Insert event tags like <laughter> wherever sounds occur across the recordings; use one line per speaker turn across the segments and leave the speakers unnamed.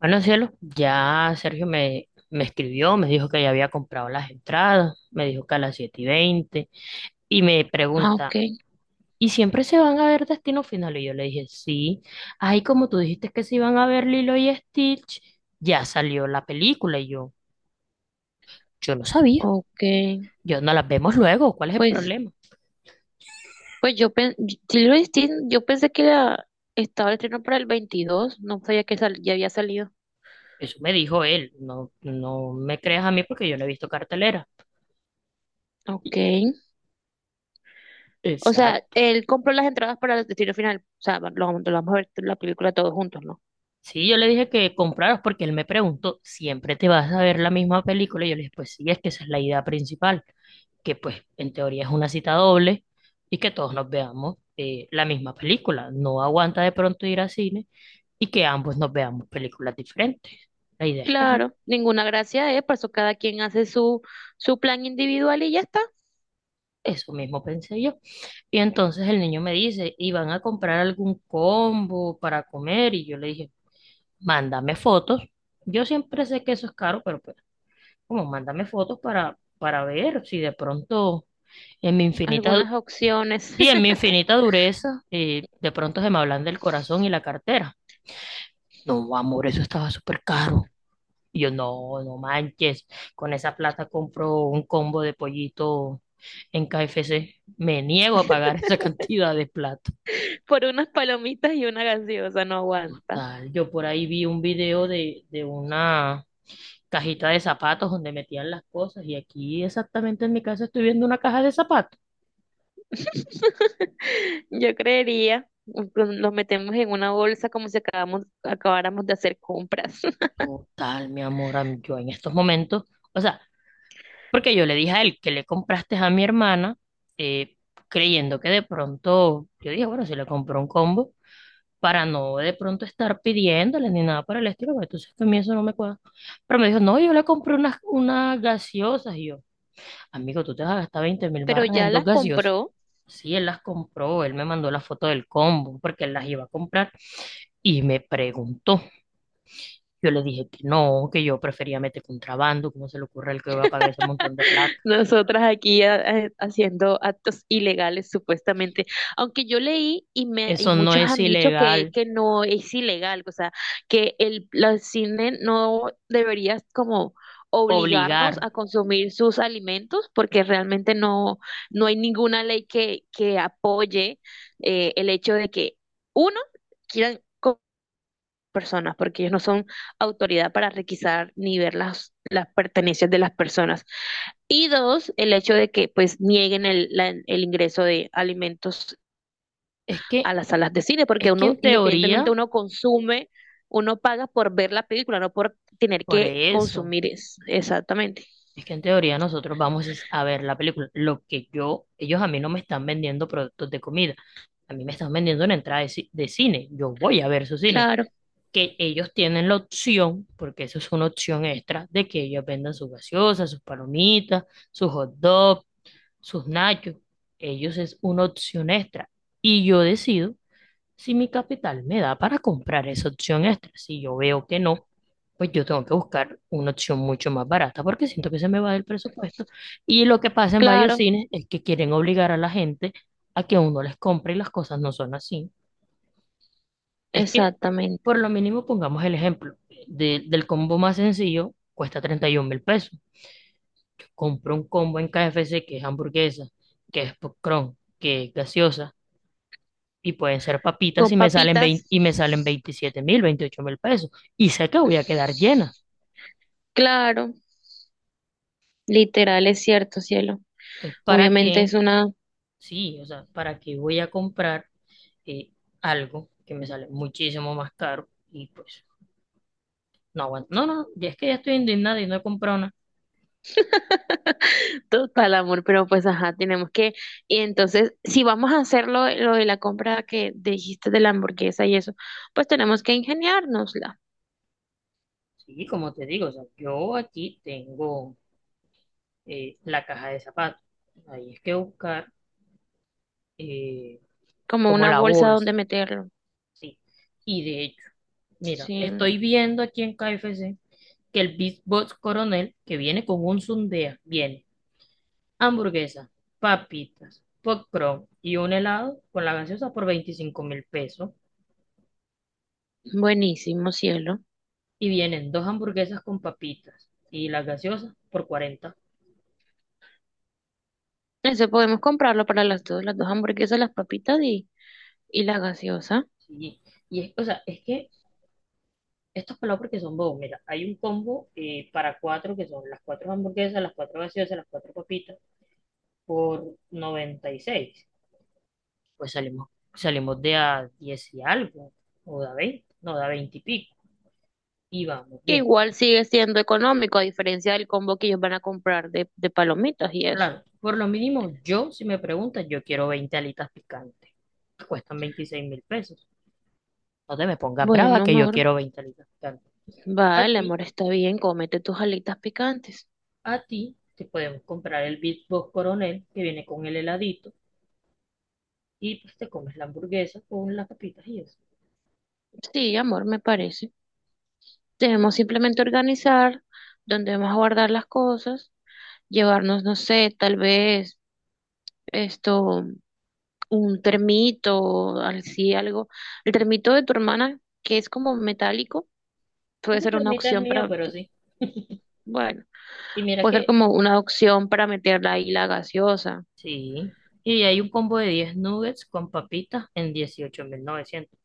Bueno, cielo, ya Sergio me escribió, me dijo que ya había comprado las entradas, me dijo que a las 7:20 y me
Ah, ok,
pregunta, ¿y siempre se van a ver Destino Final? Y yo le dije, sí. Ay, como tú dijiste que se iban a ver Lilo y Stitch, ya salió la película. Y yo no sabía,
ok.
yo no las vemos luego, ¿cuál es el
Pues,
problema?
pues Lilo y Stitch, yo pensé que estaba el estreno para el 22. No sabía que ya había salido.
Eso me dijo él, no, no me creas a mí porque yo no he visto cartelera.
Ok. O sea, él compró las entradas para el destino final. O sea, va- lo vamos a ver la película todos juntos, ¿no?
Sí, yo le dije que compraras porque él me preguntó, ¿siempre te vas a ver la misma película? Y yo le dije, pues sí, es que esa es la idea principal, que pues en teoría es una cita doble y que todos nos veamos la misma película. No aguanta de pronto ir al cine y que ambos nos veamos películas diferentes. La idea es que, ajá,
Claro, ninguna gracia es, por eso cada quien hace su plan individual y ya está.
eso mismo pensé yo. Y entonces el niño me dice, ¿y van a comprar algún combo para comer? Y yo le dije, mándame fotos. Yo siempre sé que eso es caro, pero pues como, mándame fotos para ver si de pronto en mi infinita, du-
Algunas opciones.
sí, en mi infinita dureza, de pronto se me hablan del corazón y la cartera. No, amor, eso estaba súper caro. Y yo, no, no manches, con esa plata compro un combo de pollito en KFC. Me niego a pagar esa <laughs>
<laughs>
cantidad de plata.
Por unas palomitas y una gaseosa no aguanta.
Total, yo por ahí vi un video de una cajita de zapatos donde metían las cosas y aquí exactamente en mi casa estoy viendo una caja de zapatos.
<laughs> Yo creería, nos metemos en una bolsa como si acabáramos de hacer compras. <laughs>
Total, mi amor, yo en estos momentos, o sea, porque yo le dije a él que le compraste a mi hermana, eh, creyendo que de pronto, yo dije, bueno, si le compró un combo, para no de pronto estar pidiéndole ni nada por el estilo, porque entonces a mí eso no me cuadra. Pero me dijo, no, yo le compré unas gaseosas, y yo, amigo, tú te vas a gastar 20 mil
Pero
barras
ya
en dos
las
gaseosas.
compró.
Sí, él las compró, él me mandó la foto del combo, porque él las iba a comprar, y me preguntó. Yo le dije que no, que yo prefería meter contrabando, ¿cómo se le ocurre al que va a pagar ese montón de plata?
<laughs> Nosotras aquí haciendo actos ilegales supuestamente, aunque yo leí y
Eso no
muchos
es
han dicho que,
ilegal,
que no es ilegal, o sea, que el la cine no debería como obligarnos
obligar.
a consumir sus alimentos porque realmente no hay ninguna ley que apoye, el hecho de que uno quieran personas, porque ellos no son autoridad para requisar ni ver las pertenencias de las personas. Y dos, el hecho de que pues nieguen el ingreso de alimentos
Es
a
que,
las salas de cine, porque
es que
uno,
en
independientemente
teoría,
uno consume, uno paga por ver la película, no por tener
por
que
eso,
consumir, exactamente.
es que en teoría nosotros vamos es a ver la película. Lo que yo, ellos a mí no me están vendiendo productos de comida, a mí me están vendiendo una entrada de cine. Yo voy a ver su cine.
Claro,
Que ellos tienen la opción, porque eso es una opción extra, de que ellos vendan sus gaseosas, sus palomitas, sus hot dogs, sus nachos. Ellos es una opción extra. Y yo decido si mi capital me da para comprar esa opción extra. Si yo veo que no, pues yo tengo que buscar una opción mucho más barata porque siento que se me va del presupuesto. Y lo que pasa en varios
claro,
cines es que quieren obligar a la gente a que uno les compre, y las cosas no son así. Es que,
exactamente.
por lo mínimo, pongamos el ejemplo del combo más sencillo, cuesta 31 mil pesos. Compro un combo en KFC que es hamburguesa, que es popcorn, que es gaseosa, y pueden ser papitas
Con
y me salen
papitas.
27.000, 28.000 pesos. Y sé que voy a quedar llena.
Claro, literal es cierto, cielo.
Entonces, ¿para
Obviamente
qué?
es una.
Sí, o sea, ¿para qué voy a comprar eh, algo que me sale muchísimo más caro? Y pues, no aguanto. No, no, ya es que ya estoy indignada y no he comprado nada.
<laughs> Total, amor, pero pues ajá, tenemos que, y entonces, si vamos a hacer lo de la compra que dijiste de la hamburguesa y eso, pues tenemos que ingeniárnosla,
Sí, como te digo, o sea, yo aquí tengo la caja de zapatos. Ahí es que buscar eh,
como
como
una
la
bolsa donde
bolsa.
meterlo.
Sí. Y de hecho, mira,
Sí,
estoy viendo aquí en KFC que el Big Boss Coronel, que viene con un sundea, viene hamburguesa, papitas, popcorn y un helado con la gaseosa por 25.000 pesos.
buenísimo, cielo.
Y vienen dos hamburguesas con papitas y las gaseosas por 40.
Eso podemos comprarlo para las dos hamburguesas, las papitas y la gaseosa,
Sí. Y es, o sea, es que estos pelados porque son bobos. Mira, hay un combo para cuatro que son las cuatro hamburguesas, las cuatro gaseosas, las cuatro papitas por 96. Pues salimos, salimos de a 10 y algo, o de a 20, no, de a 20 y pico, y vamos
que
bien.
igual sigue siendo económico, a diferencia del combo que ellos van a comprar de palomitas y eso.
Claro, por lo mínimo, yo, si me preguntas, yo quiero 20 alitas picantes, que cuestan 26.000 pesos. No te me pongas brava
Bueno,
que yo
amor,
quiero 20 alitas picantes. A
vale,
ti,
amor, está bien, cómete tus alitas picantes.
a ti, te podemos comprar el Big Box Coronel, que viene con el heladito, y pues te comes la hamburguesa con las papitas y eso.
Sí, amor, me parece. Debemos simplemente organizar dónde vamos a guardar las cosas, llevarnos, no sé, tal vez esto, un termito, así algo. El termito de tu hermana, que es como metálico, puede
Ese
ser una
termita es
opción
mío,
para,
pero sí.
bueno,
Y mira
puede ser
que,
como una opción para meterla ahí la gaseosa.
sí. Y hay un combo de 10 nuggets con papitas en 18.900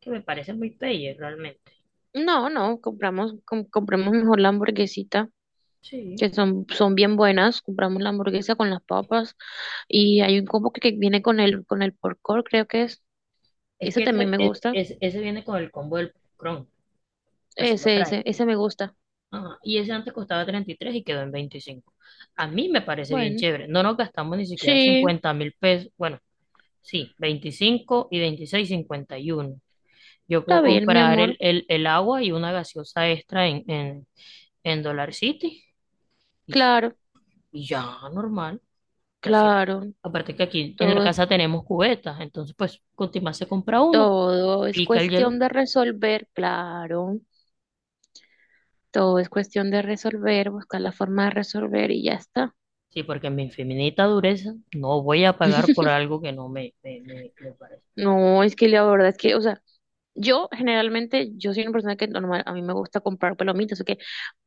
que me parece muy player realmente.
No, no, compremos mejor la hamburguesita,
Sí.
que son bien buenas. Compramos la hamburguesa con las papas y hay un combo que viene con el pork porcor, creo que es.
Es
Ese
que
también
ese,
me
es-
gusta.
es- ese viene con el combo del Chrome, así lo
Ese,
trae.
ese, ese me gusta.
Ajá. Y ese antes costaba 33 y quedó en 25. A mí me parece bien
Bueno,
chévere. No nos gastamos ni siquiera
sí,
50.000 pesos. Bueno, sí, 25 y 26, 51 Yo
está
puedo
bien, mi
comprar
amor.
el agua y una gaseosa extra en Dollar City y,
Claro,
y ya, normal. O sea, sí.
claro.
Aparte que aquí en la
Todo,
casa tenemos cubetas, entonces pues con Timás se compra uno,
todo es
pica el hielo.
cuestión de resolver, claro. Todo es cuestión de resolver, buscar la forma de resolver y ya está.
Sí, porque en mi infinita dureza no voy a pagar por
<laughs>
algo que no me parece.
No, es que la verdad es que, o sea, yo generalmente, yo soy una persona que normal, a mí me gusta comprar palomitas, ¿ok?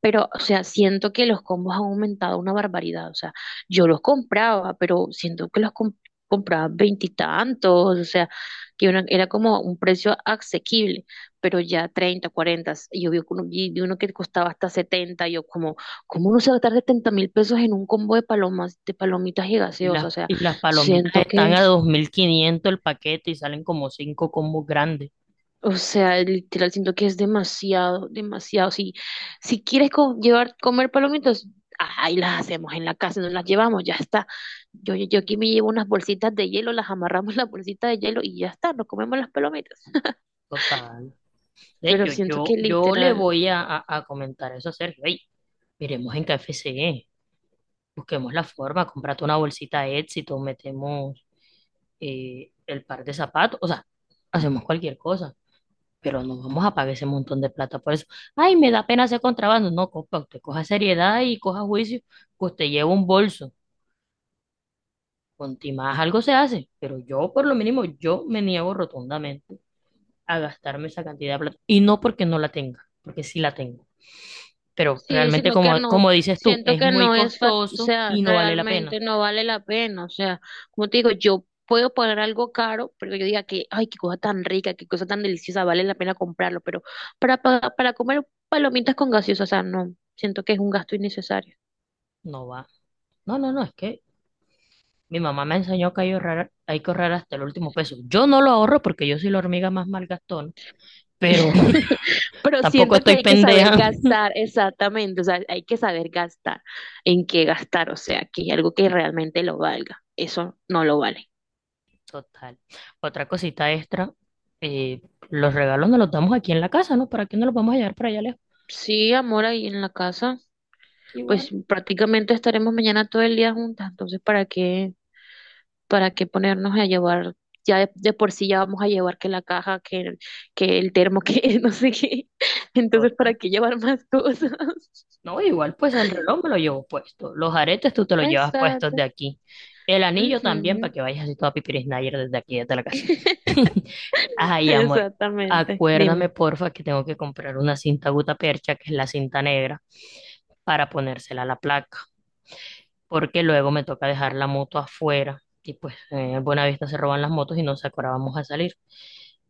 Pero, o sea, siento que los combos han aumentado una barbaridad. O sea, yo los compraba, pero siento que los compraba veintitantos. O sea, que era como un precio asequible, pero ya 30 40. Y yo vi uno, que costaba hasta 70. Y yo como, ¿cómo uno se va a gastar 70 mil pesos en un combo de palomas, de palomitas y gaseosas? O sea,
Y las palomitas
siento
están
que.
a 2.500 el paquete y salen como cinco combos grandes.
O sea, literal, siento que es demasiado, demasiado. Si, si quieres llevar, comer palomitas, ahí las hacemos en la casa, no las llevamos, ya está. Yo aquí me llevo unas bolsitas de hielo, las amarramos en la bolsita de hielo y ya está, nos comemos las palomitas.
Total. De
Pero
hecho,
siento que
yo le
literal.
voy a comentar eso a Sergio. Ey, miremos en K F C E, busquemos la forma, comprate una bolsita de éxito, metemos el par de zapatos, o sea, hacemos cualquier cosa, pero no vamos a pagar ese montón de plata por eso. Ay, me da pena hacer contrabando. No, compa, usted coja seriedad y coja juicio, que usted lleva un bolso. Con más algo se hace, pero yo, por lo mínimo, yo me niego rotundamente a gastarme esa cantidad de plata. Y no porque no la tenga, porque sí la tengo. Pero
Sí,
realmente,
sino que
como,
no,
como dices tú,
siento
es
que
muy
no es, o
costoso
sea,
y no vale la pena.
realmente no vale la pena, o sea, como te digo, yo puedo poner algo caro, pero yo diga que, ay, qué cosa tan rica, qué cosa tan deliciosa, vale la pena comprarlo, pero para comer palomitas con gaseosa, o sea, no, siento que es un gasto innecesario.
No va. No, no, no, es que mi mamá me enseñó que hay que ahorrar hasta el último peso. Yo no lo ahorro porque yo soy la hormiga más malgastona, pero
<laughs>
<laughs>
Pero
tampoco
siento que
estoy
hay que saber
pendeja.
gastar, exactamente, o sea, hay que saber gastar, en qué gastar, o sea, que algo que realmente lo valga, eso no lo vale.
Total. Otra cosita extra, eh, los regalos nos los damos aquí en la casa, ¿no? ¿Para qué no los vamos a llevar para allá lejos?
Sí, amor, ahí en la casa. Pues
Igual.
prácticamente estaremos mañana todo el día juntas, entonces, ¿para qué ponernos a llevar? Ya de por sí ya vamos a llevar que la caja, que el termo, que <laughs> no sé qué. Entonces, ¿para
Total.
qué llevar más cosas? <laughs>
No, igual, pues el reloj me lo llevo puesto. Los aretes tú te los llevas puestos de
Exacto.
aquí. El anillo también, para
Ujú.
que vayas así toda pipiris Nayer desde aquí, desde la casa.
<laughs>
<laughs> Ay, amor,
Exactamente,
acuérdame,
dime.
porfa, que tengo que comprar una cinta gutapercha, que es la cinta negra, para ponérsela a la placa, porque luego me toca dejar la moto afuera y pues en Buenavista se roban las motos y nos acordábamos a salir.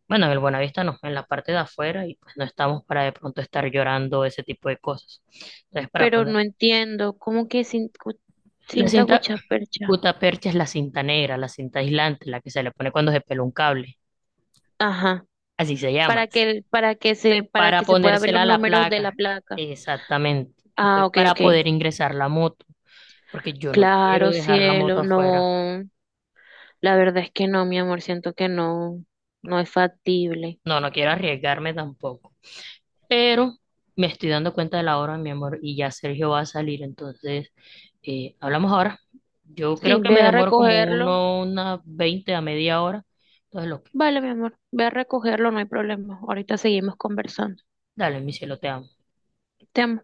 Bueno, en el Buenavista no, en la parte de afuera y pues no estamos para de pronto estar llorando ese tipo de cosas. Entonces, para
Pero
poner
no entiendo, ¿cómo que
la
cinta
cinta
percha?
gutapercha, es la cinta negra, la cinta aislante, la que se le pone cuando se pela un cable,
Ajá.
así se llama,
Para
para
que se pueda ver los
ponérsela a la
números de la
placa,
placa.
exactamente.
Ah,
Entonces,
ok,
para
ok.
poder ingresar la moto, porque yo no quiero
Claro,
dejar la moto
cielo,
afuera,
no, la verdad es que no, mi amor, siento que no, no es factible.
no, no quiero arriesgarme tampoco. Pero me estoy dando cuenta de la hora, mi amor, y ya Sergio va a salir, entonces hablamos ahora. Yo
Sí,
creo que
ve
me
a
demoro como
recogerlo.
uno, una 20 a media hora. Entonces, lo que,
Vale, mi amor, ve a recogerlo, no hay problema. Ahorita seguimos conversando.
dale, mi cielo, te amo.
Te amo.